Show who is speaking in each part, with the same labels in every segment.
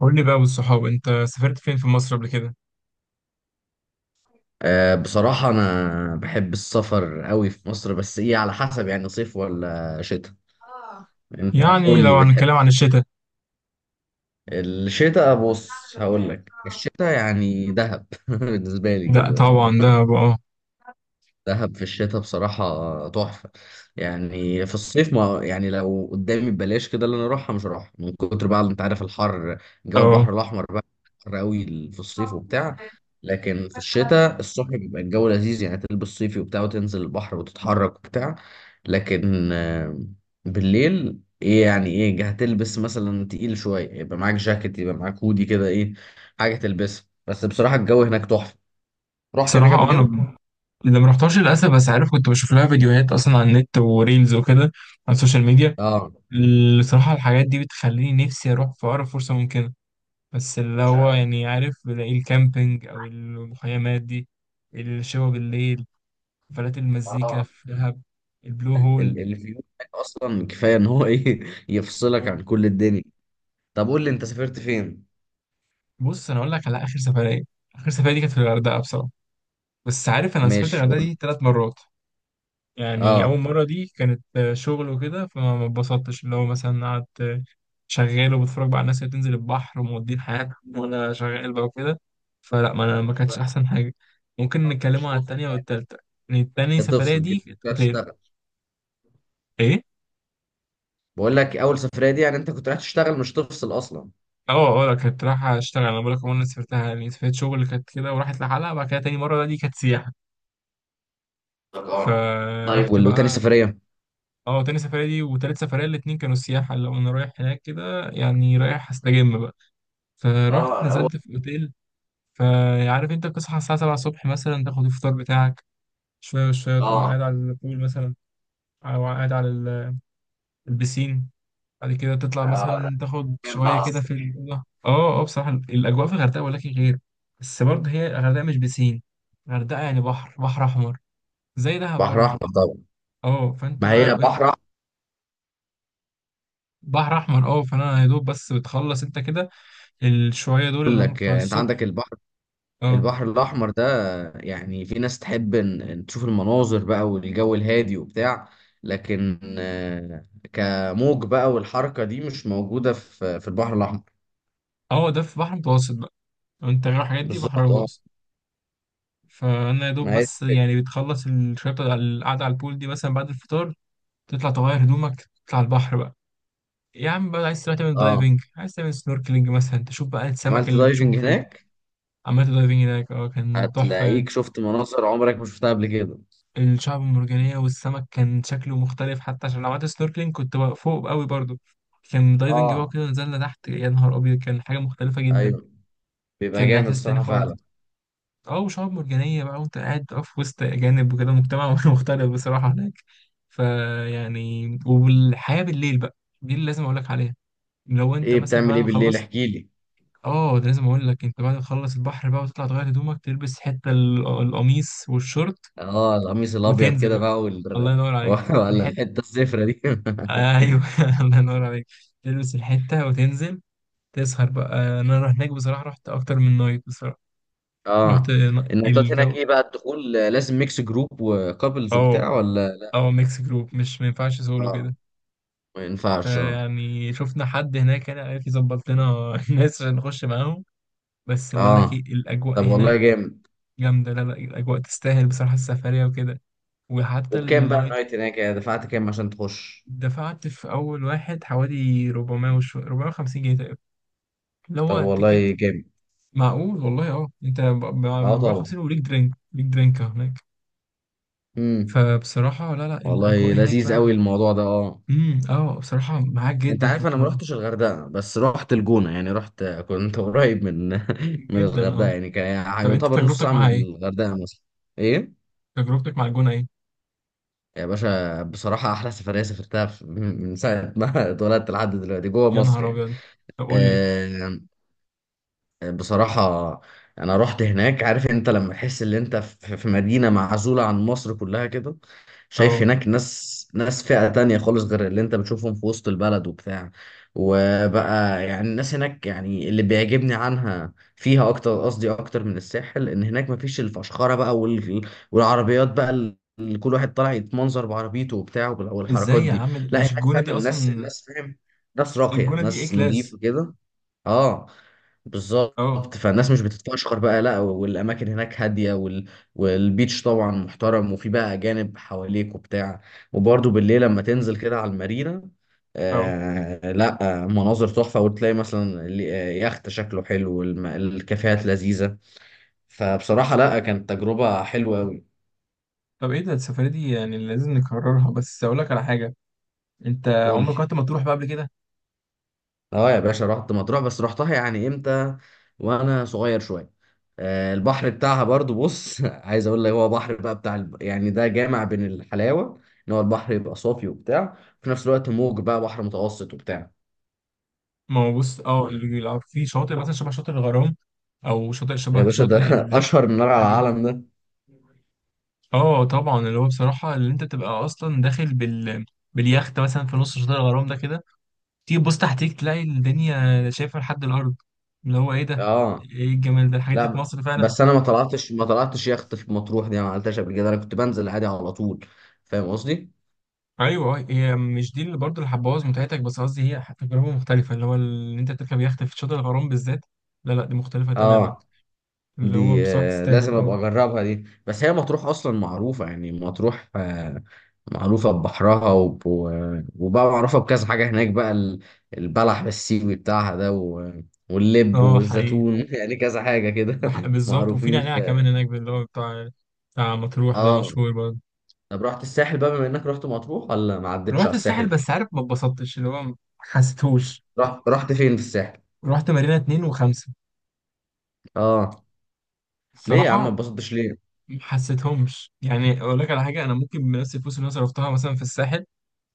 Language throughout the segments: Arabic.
Speaker 1: قول لي بقى والصحاب انت سافرت فين في مصر قبل كده؟
Speaker 2: أه، بصراحة أنا بحب السفر قوي في مصر، بس إيه على حسب، يعني صيف ولا شتاء. أنت قول
Speaker 1: يعني
Speaker 2: لي،
Speaker 1: لو
Speaker 2: بتحب؟
Speaker 1: هنتكلم عن الشتاء،
Speaker 2: الشتاء بص، هقول لك الشتاء يعني دهب بالنسبة لي
Speaker 1: ده
Speaker 2: كده.
Speaker 1: طبعا ده بقى.
Speaker 2: دهب في الشتاء بصراحة تحفة. يعني في الصيف، ما يعني لو قدامي ببلاش كده اللي انا اروحها مش هروحها من كتر، بقى انت عارف الحر. جو
Speaker 1: اه
Speaker 2: البحر الاحمر بقى حر قوي في الصيف وبتاع. لكن في الشتاء الصبح بيبقى الجو لذيذ، يعني تلبس صيفي وبتاع وتنزل البحر وتتحرك وبتاع. لكن بالليل ايه، يعني ايه هتلبس مثلا تقيل شوية، يبقى معاك جاكيت يبقى معاك هودي كده، ايه حاجة تلبسها. بس بصراحة الجو هناك تحفة. رحت هناك
Speaker 1: بصراحة
Speaker 2: قبل
Speaker 1: اه انا
Speaker 2: كده؟
Speaker 1: ب- اللي ما رحتهاش للاسف، بس عارف كنت بشوف لها فيديوهات اصلا على النت وريلز وكده، على السوشيال ميديا.
Speaker 2: اه
Speaker 1: الصراحة الحاجات دي بتخليني نفسي اروح في اقرب فرصة ممكنة، بس اللي هو يعني عارف بلاقي الكامبينج او المخيمات دي، الشوا بالليل، حفلات المزيكا
Speaker 2: اه.
Speaker 1: في دهب، البلو هول.
Speaker 2: الفيو بتاعك اصلا كفايه ان هو ايه يفصلك
Speaker 1: اه
Speaker 2: عن كل الدنيا. طب قول لي انت سافرت فين.
Speaker 1: بص انا اقول لك على اخر سفرية. اخر سفرية دي كانت في الغردقة بصراحة، بس عارف انا سافرت
Speaker 2: ماشي
Speaker 1: الغردقه
Speaker 2: قول لي.
Speaker 1: دي ثلاث مرات. يعني اول
Speaker 2: اه
Speaker 1: مره دي كانت شغل وكده، فما ما اتبسطتش، اللي هو مثلا قعدت شغال وبتفرج بقى على الناس اللي بتنزل البحر ومودين حياتهم وانا شغال بقى وكده. فلا، ما انا ما
Speaker 2: مش
Speaker 1: كانتش
Speaker 2: بقى-
Speaker 1: احسن حاجه. ممكن
Speaker 2: مش
Speaker 1: نتكلم عن
Speaker 2: فاصل.
Speaker 1: التانية والتالتة. يعني التانية سفرية
Speaker 2: تفصل
Speaker 1: دي
Speaker 2: كده مش
Speaker 1: كانت
Speaker 2: رايح
Speaker 1: اوتيل.
Speaker 2: تشتغل.
Speaker 1: ايه؟
Speaker 2: بقول لك اول سفريه دي يعني انت كنت رايح تشتغل مش تفصل اصلا.
Speaker 1: اه لا، كنت رايحة اشتغل، انا بقولك عمري ما سافرتها، يعني سافرت شغل كانت كده وراحت لحالها. بعد كده تاني مرة دي كانت سياحة،
Speaker 2: افتكرت. طيب
Speaker 1: فرحت
Speaker 2: وتاني
Speaker 1: بقى.
Speaker 2: سفريه؟
Speaker 1: اه، تاني سفرية دي وتالت سفرية الاتنين كانوا سياحة. لو انا رايح هناك كده يعني رايح استجم بقى، فروحت
Speaker 2: اه هو.
Speaker 1: نزلت في اوتيل. فعارف انت بتصحى الساعة 7 الصبح مثلا، تاخد الفطار بتاعك، شوية شوية تقوم
Speaker 2: اه
Speaker 1: قاعد على البول مثلا، او قاعد على البسين. بعد كده تطلع
Speaker 2: اه،
Speaker 1: مثلا تاخد
Speaker 2: كان بقى
Speaker 1: شوية
Speaker 2: على
Speaker 1: كده في
Speaker 2: الصبح.
Speaker 1: الأوضة. اه بصراحة الأجواء في الغردقة ولكن غير. بس برضه هي الغردقة مش بسين، الغردقة يعني بحر بحر أحمر، زي دهب
Speaker 2: بحر
Speaker 1: برضه.
Speaker 2: احمر طبعا.
Speaker 1: اه فانت
Speaker 2: ما
Speaker 1: بقى
Speaker 2: هي
Speaker 1: ايه.
Speaker 2: بحر احمر.
Speaker 1: بحر أحمر، اه. فانا يا دوب بس بتخلص انت كده الشوية دول
Speaker 2: اقول
Speaker 1: اللي هم
Speaker 2: لك
Speaker 1: بتوع
Speaker 2: انت عندك
Speaker 1: الصبح.
Speaker 2: البحر.
Speaker 1: اه،
Speaker 2: البحر الأحمر ده، يعني في ناس تحب إن تشوف المناظر بقى والجو الهادي وبتاع، لكن كموج بقى والحركة دي مش موجودة في البحر الأحمر.
Speaker 1: هو ده في بحر متوسط بقى، لو انت غير الحاجات دي بحر
Speaker 2: بالظبط اه.
Speaker 1: متوسط. فانا يا دوب
Speaker 2: ما هي دي
Speaker 1: بس
Speaker 2: الفكرة.
Speaker 1: يعني بتخلص الشوية على القعدة على البول دي مثلا بعد الفطار، تطلع تغير هدومك، تطلع البحر بقى. يا عم بقى، عايز تروح تعمل
Speaker 2: اه،
Speaker 1: دايفنج، عايز تعمل سنوركلينج مثلا، تشوف بقى السمك
Speaker 2: عملت
Speaker 1: اللي بتشوفه
Speaker 2: دايفنج
Speaker 1: في
Speaker 2: هناك.
Speaker 1: عملت دايفنج هناك. اه كان تحفة يعني.
Speaker 2: هتلاقيك شفت مناظر عمرك ما شفتها قبل كده.
Speaker 1: الشعب المرجانية والسمك كان شكله مختلف، حتى عشان لو عملت سنوركلينج كنت بقى فوق قوي برضو. كان دايفنج بقى
Speaker 2: اه
Speaker 1: كده، نزلنا تحت، يا نهار أبيض، كان حاجة مختلفة جدا.
Speaker 2: ايوه، بيبقى
Speaker 1: كان
Speaker 2: جامد
Speaker 1: إحساس تاني
Speaker 2: الصراحة
Speaker 1: خالص.
Speaker 2: فعلا.
Speaker 1: اه، وشعاب مرجانية بقى، وانت قاعد بقى في وسط أجانب وكده، مجتمع مختلف بصراحة هناك. فيعني والحياة بالليل بقى، دي اللي لازم أقول لك عليها. لو انت
Speaker 2: ايه
Speaker 1: مثلا
Speaker 2: بتعمل
Speaker 1: بعد
Speaker 2: ايه
Speaker 1: ما
Speaker 2: بالليل؟
Speaker 1: خلصت،
Speaker 2: احكي لي.
Speaker 1: اه ده لازم أقول لك، انت بعد ما تخلص البحر بقى وتطلع تغير هدومك، تلبس حتة القميص والشورت،
Speaker 2: اه القميص الابيض
Speaker 1: وتنزل
Speaker 2: كده
Speaker 1: بقى.
Speaker 2: بقى
Speaker 1: الله ينور عليك.
Speaker 2: ولا
Speaker 1: الحتة،
Speaker 2: الحتة الزفرة دي؟
Speaker 1: ايوه الله ينور عليك. تلبس الحتة وتنزل، تسهر بقى. انا رحت هناك بصراحة، رحت اكتر من نايت بصراحة.
Speaker 2: اه. النايتات هناك
Speaker 1: الجو.
Speaker 2: ايه بقى الدخول؟ لازم ميكس جروب وكابلز
Speaker 1: اه
Speaker 2: وبتاع ولا؟
Speaker 1: اه ميكس جروب، مش ما ينفعش سولو
Speaker 2: اه
Speaker 1: كده.
Speaker 2: ما ينفعش، اه
Speaker 1: فيعني شفنا حد هناك يعني عارف يظبط لنا الناس عشان نخش معاهم. بس بقول لك ايه
Speaker 2: اه.
Speaker 1: الاجواء
Speaker 2: طب والله
Speaker 1: هناك
Speaker 2: جامد.
Speaker 1: جامده، لا لا، الاجواء تستاهل بصراحه السفريه وكده، وحتى
Speaker 2: وبكام بقى
Speaker 1: النايت.
Speaker 2: النايت هناك، يعني دفعت كام عشان تخش؟
Speaker 1: دفعت في اول واحد حوالي 400 وشو 450 جنيه تقريبا، اللي هو
Speaker 2: طب والله
Speaker 1: التيكت.
Speaker 2: جامد.
Speaker 1: معقول والله. اه، انت
Speaker 2: اه طبعا.
Speaker 1: 450 وليك درينك، ليك درينك هناك.
Speaker 2: امم.
Speaker 1: فبصراحه لا لا،
Speaker 2: والله
Speaker 1: الاجواء هناك
Speaker 2: لذيذ
Speaker 1: بقى.
Speaker 2: قوي الموضوع ده، اه.
Speaker 1: اه بصراحه معاك
Speaker 2: انت
Speaker 1: جدا في
Speaker 2: عارف انا ما
Speaker 1: الحوار.
Speaker 2: رحتش الغردقه، بس رحت الجونه يعني، رحت كنت قريب من من
Speaker 1: جدا،
Speaker 2: الغردقه
Speaker 1: اه.
Speaker 2: يعني، كان يعني
Speaker 1: طب انت
Speaker 2: يعتبر نص
Speaker 1: تجربتك
Speaker 2: ساعه من
Speaker 1: معاها ايه؟
Speaker 2: الغردقه مثلا. ايه
Speaker 1: تجربتك مع الجونة ايه؟
Speaker 2: يا باشا، بصراحة أحلى سفرية سافرتها من ساعة ما اتولدت لحد دلوقتي جوه
Speaker 1: يا
Speaker 2: مصر
Speaker 1: نهار
Speaker 2: يعني.
Speaker 1: ابيض. طب قول لي.
Speaker 2: آه، بصراحة أنا رحت هناك. عارف أنت لما تحس إن أنت في مدينة معزولة عن مصر كلها كده؟ شايف
Speaker 1: اه.
Speaker 2: هناك ناس فئة تانية خالص غير اللي انت بتشوفهم في وسط البلد وبتاع. وبقى يعني الناس هناك يعني، اللي بيعجبني عنها فيها اكتر، قصدي اكتر من الساحل، ان هناك مفيش الفشخرة بقى والعربيات بقى اللي كل واحد طالع يتمنظر بعربيته وبتاع
Speaker 1: ازاي
Speaker 2: والحركات
Speaker 1: يا
Speaker 2: دي.
Speaker 1: عم!
Speaker 2: لا
Speaker 1: مش
Speaker 2: هناك
Speaker 1: الجونة
Speaker 2: فعلا
Speaker 1: دي
Speaker 2: الناس،
Speaker 1: اصلا؟
Speaker 2: فاهم؟ ناس راقية
Speaker 1: الجونة دي ايه،
Speaker 2: ناس نظيفة
Speaker 1: كلاس.
Speaker 2: كده. اه
Speaker 1: اه
Speaker 2: بالظبط، فالناس مش بتتفشخر بقى لا، والاماكن هناك هاديه والبيتش طبعا محترم، وفي بقى اجانب حواليك وبتاع. وبرده بالليل لما تنزل كده على المارينا،
Speaker 1: اه
Speaker 2: آه لا مناظر تحفه، وتلاقي مثلا يخت شكله حلو الكافيهات لذيذه. فبصراحه لا، كانت تجربه حلوه قوي.
Speaker 1: طب ايه ده، السفرية دي يعني لازم نكررها. بس اقول لك على حاجة، انت
Speaker 2: قول
Speaker 1: عمرك
Speaker 2: لي.
Speaker 1: رحت مطروح بقى قبل كده؟
Speaker 2: اه يا باشا رحت مطروح، بس رحتها يعني امتى وانا صغير شويه. البحر بتاعها برضو بص عايز اقول لك، هو بحر بقى بتاع يعني ده جامع بين الحلاوه، ان هو البحر يبقى صافي وبتاع، في نفس الوقت موج بقى، بحر متوسط وبتاع.
Speaker 1: ما هو بص اه، في شاطئ مثلا شبه شاطئ الغرام، او شاطئ
Speaker 2: يا
Speaker 1: شبه
Speaker 2: باشا
Speaker 1: شاطئ
Speaker 2: ده اشهر من نار على
Speaker 1: العجيب.
Speaker 2: العالم ده.
Speaker 1: اه طبعا، اللي هو بصراحة اللي انت تبقى اصلا داخل باليخت مثلا في نص شاطئ الغرام ده كده، تيجي تبص تحتيك تلاقي الدنيا شايفة لحد الأرض، اللي هو إيه ده؟
Speaker 2: اه
Speaker 1: إيه الجمال ده؟ الحاجات دي في
Speaker 2: لا،
Speaker 1: مصر فعلا!
Speaker 2: بس انا ما طلعتش يخت في مطروح دي، أنا ما عملتهاش قبل كده، انا كنت بنزل عادي على طول. فاهم قصدي؟
Speaker 1: أيوه أه، هي مش دي اللي برضه اللي هتبوظ متعتك، بس قصدي هي تجربة مختلفة، اللي هو إن أنت تركب يخت في شاطئ الغرام بالذات. لا لا، دي مختلفة تماما،
Speaker 2: اه
Speaker 1: اللي هو
Speaker 2: دي
Speaker 1: بصراحة تستاهل
Speaker 2: لازم ابقى
Speaker 1: أه.
Speaker 2: اجربها. دي بس هي مطروح اصلا معروفه يعني، مطروح معروفه ببحرها وبقى معروفه بكذا حاجه هناك بقى البلح بالسيوي بتاعها ده واللب
Speaker 1: أه حقيقي.
Speaker 2: والزيتون يعني كذا حاجه كده
Speaker 1: بالظبط، وفي
Speaker 2: معروفين
Speaker 1: نعناع
Speaker 2: في.
Speaker 1: كمان هناك، اللي هو بتاع، مطروح ده
Speaker 2: اه،
Speaker 1: مشهور برضه.
Speaker 2: طب رحت الساحل بقى بما انك رحت مطروح؟ ولا ما عدتش على
Speaker 1: رحت الساحل
Speaker 2: الساحل؟
Speaker 1: بس عارف ما اتبسطتش، اللي هو ما حسيتهوش.
Speaker 2: رحت فين في الساحل؟
Speaker 1: رحت مارينا اتنين وخمسة
Speaker 2: اه ليه يا عم ما
Speaker 1: الصراحة.
Speaker 2: اتبسطتش؟ ليه؟
Speaker 1: ما حسيتهمش. يعني اقول لك على حاجه، انا ممكن بنفس الفلوس اللي انا صرفتها مثلا في الساحل،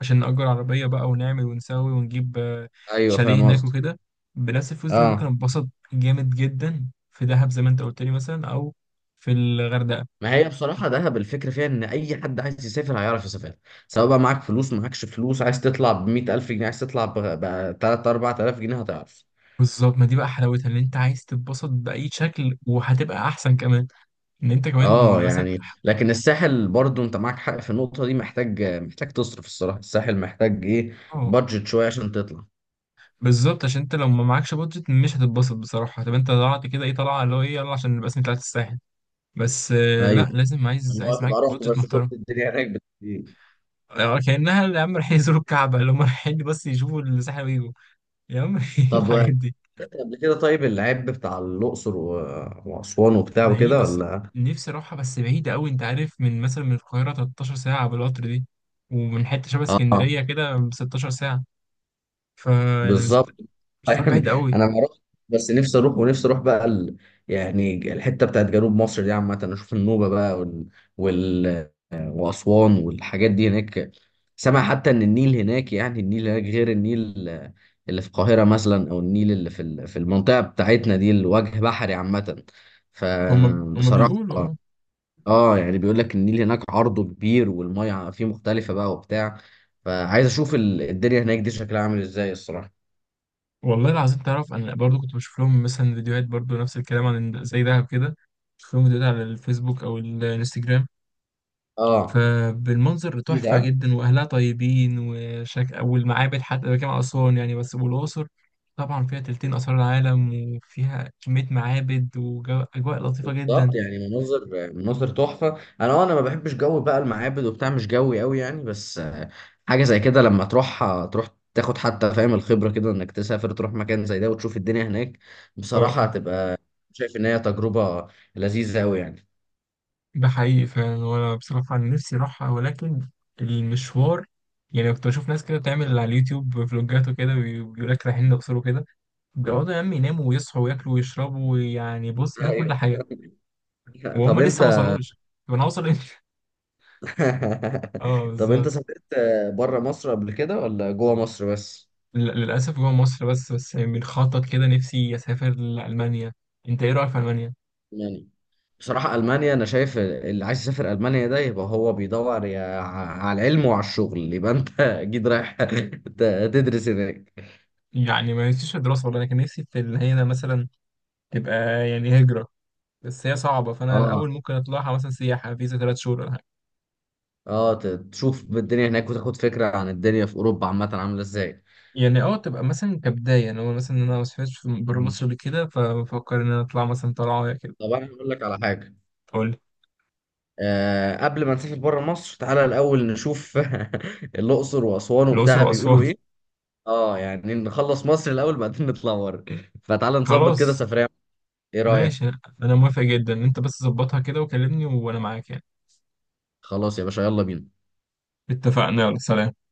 Speaker 1: عشان نأجر عربيه بقى ونعمل ونسوي ونجيب
Speaker 2: ايوه
Speaker 1: شاليه
Speaker 2: فاهم
Speaker 1: هناك
Speaker 2: قصدك.
Speaker 1: وكده، بنفس الفلوس دي ممكن
Speaker 2: اه
Speaker 1: اتبسط جامد جدا في دهب زي ما انت قلت لي مثلا، او في الغردقه.
Speaker 2: ما هي بصراحة دهب الفكرة فيها إن أي حد عايز يسافر هيعرف يسافر، سواء بقى معاك فلوس معاكش فلوس، عايز تطلع ب100,000 جنيه، عايز تطلع بتلات أربعة آلاف جنيه، هتعرف.
Speaker 1: بالظبط، ما دي بقى حلاوتها، ان انت عايز تتبسط باي شكل وهتبقى احسن كمان. ان انت كمان
Speaker 2: اه
Speaker 1: مثلا
Speaker 2: يعني لكن الساحل برضو انت معاك حق في النقطة دي، محتاج تصرف الصراحة. الساحل محتاج ايه،
Speaker 1: اه
Speaker 2: بادجت شوية عشان تطلع.
Speaker 1: بالظبط، عشان انت لو ما معكش بودجت مش هتتبسط بصراحه. طب انت طلعت كده ايه طلعه، اللي هو ايه، يلا عشان نبقى اسمي طلعت الساحل بس،
Speaker 2: ايوه،
Speaker 1: لا لازم،
Speaker 2: اللي هو
Speaker 1: عايز معاك
Speaker 2: تبقى رحت
Speaker 1: بودجت
Speaker 2: بس
Speaker 1: محترم.
Speaker 2: شفت الدنيا هناك إيه.
Speaker 1: كأنها يا عم رايحين يزوروا الكعبة، اللي هم رايحين بس يشوفوا الساحل ويجوا، يا عم إيه
Speaker 2: طب
Speaker 1: الحاجات
Speaker 2: رحت
Speaker 1: دي.
Speaker 2: قبل كده طيب العيب بتاع الأقصر وأسوان وبتاع وكده
Speaker 1: بعيدة الصراحة،
Speaker 2: ولا؟
Speaker 1: نفسي أروحها بس بعيدة أوي. أنت عارف من مثلا من القاهرة 13 ساعة بالقطر دي، ومن حتة شبه
Speaker 2: اه
Speaker 1: اسكندرية كده 16 ساعة. ف يعني
Speaker 2: بالظبط.
Speaker 1: مشوار بعيد
Speaker 2: يعني
Speaker 1: أوي.
Speaker 2: انا ما اروح. بس نفسي اروح، ونفسي اروح بقى يعني الحته بتاعت جنوب مصر دي عامه، اشوف النوبه بقى واسوان والحاجات دي هناك. سامع حتى ان النيل هناك، يعني النيل هناك غير النيل اللي في القاهره مثلا، او النيل اللي في المنطقه بتاعتنا دي الوجه بحري عامه.
Speaker 1: هم
Speaker 2: فبصراحه
Speaker 1: بيقولوا اه.
Speaker 2: اه، يعني بيقول لك النيل هناك عرضه كبير والميه فيه مختلفه بقى وبتاع. فعايز اشوف الدنيا هناك دي شكلها عامل ازاي الصراحه.
Speaker 1: والله العظيم تعرف أنا برضو كنت بشوف لهم مثلا فيديوهات برضو، نفس الكلام عن زي دهب كده. بشوف لهم فيديوهات على الفيسبوك أو الانستجرام،
Speaker 2: اه
Speaker 1: فبالمنظر تحفة
Speaker 2: جيزة.
Speaker 1: جدا، وأهلها طيبين والمعابد حتى بجمع أسوان يعني، بس والأقصر طبعا فيها تلتين آثار العالم، وفيها كمية معابد وأجواء لطيفة
Speaker 2: بالظبط
Speaker 1: جدا.
Speaker 2: يعني مناظر، مناظر تحفة. انا اه، انا ما بحبش جو بقى المعابد وبتاع، مش جوي قوي يعني، بس حاجة زي كده لما تروح تروح تاخد حتى، فاهم الخبرة كده انك تسافر تروح مكان زي ده وتشوف الدنيا هناك.
Speaker 1: اه
Speaker 2: بصراحة
Speaker 1: اه
Speaker 2: هتبقى شايف ان هي تجربة لذيذة قوي يعني.
Speaker 1: ده حقيقي فعلا. وأنا بصراحة عن نفسي أروحها ولكن المشوار، يعني كنت بشوف ناس كده بتعمل على اليوتيوب فلوجات وكده، بيقول لك رايحين الأقصر وكده، بيقعدوا يا عم يناموا ويصحوا وياكلوا ويشربوا، ويعني بص بيعملوا كل
Speaker 2: ايوه
Speaker 1: حاجة وهم
Speaker 2: طب
Speaker 1: لسه ما
Speaker 2: انت
Speaker 1: وصلوش. طب أنا هوصل إمتى؟ اه
Speaker 2: طب انت
Speaker 1: بالظبط.
Speaker 2: سافرت بره مصر قبل كده ولا جوه مصر بس؟
Speaker 1: للأسف جوه مصر بس، بس بنخطط كده، نفسي أسافر لألمانيا. أنت إيه رأيك في ألمانيا؟
Speaker 2: بصراحة ألمانيا، أنا شايف اللي عايز يسافر ألمانيا ده يبقى هو بيدور على العلم وعلى الشغل، يبقى أنت أكيد رايح تدرس هناك.
Speaker 1: يعني ما نفسيش في الدراسة والله، أنا كان نفسي في إن هي مثلا تبقى يعني هجرة، بس هي صعبة، فأنا
Speaker 2: أه
Speaker 1: الأول ممكن أطلعها مثلا سياحة فيزا ثلاث شهور ولا حاجة.
Speaker 2: أه، تشوف الدنيا هناك وتاخد فكرة عن الدنيا في أوروبا عامة عاملة إزاي.
Speaker 1: يعني أه، تبقى مثلا كبداية، أنا مثلا أنا ما سافرتش بره
Speaker 2: مم.
Speaker 1: مصر قبل كده، فبفكر إن أنا أطلع مثلا طلعة كده.
Speaker 2: طب أنا هقول لك على حاجة.
Speaker 1: تقول لي.
Speaker 2: أه، قبل ما نسافر بره مصر تعالى الأول نشوف الأقصر وأسوان
Speaker 1: الأقصر
Speaker 2: وبتاع
Speaker 1: وأسوان.
Speaker 2: بيقولوا إيه. أه يعني نخلص مصر الأول بعدين نطلع بره. فتعالى نظبط كده
Speaker 1: خلاص.
Speaker 2: سفرية. إيه
Speaker 1: ماشي،
Speaker 2: رأيك؟
Speaker 1: أنا موافق جدا. أنت بس ظبطها كده وكلمني وأنا معاك يعني.
Speaker 2: خلاص يا باشا يلا بينا.
Speaker 1: اتفقنا، يلا سلام.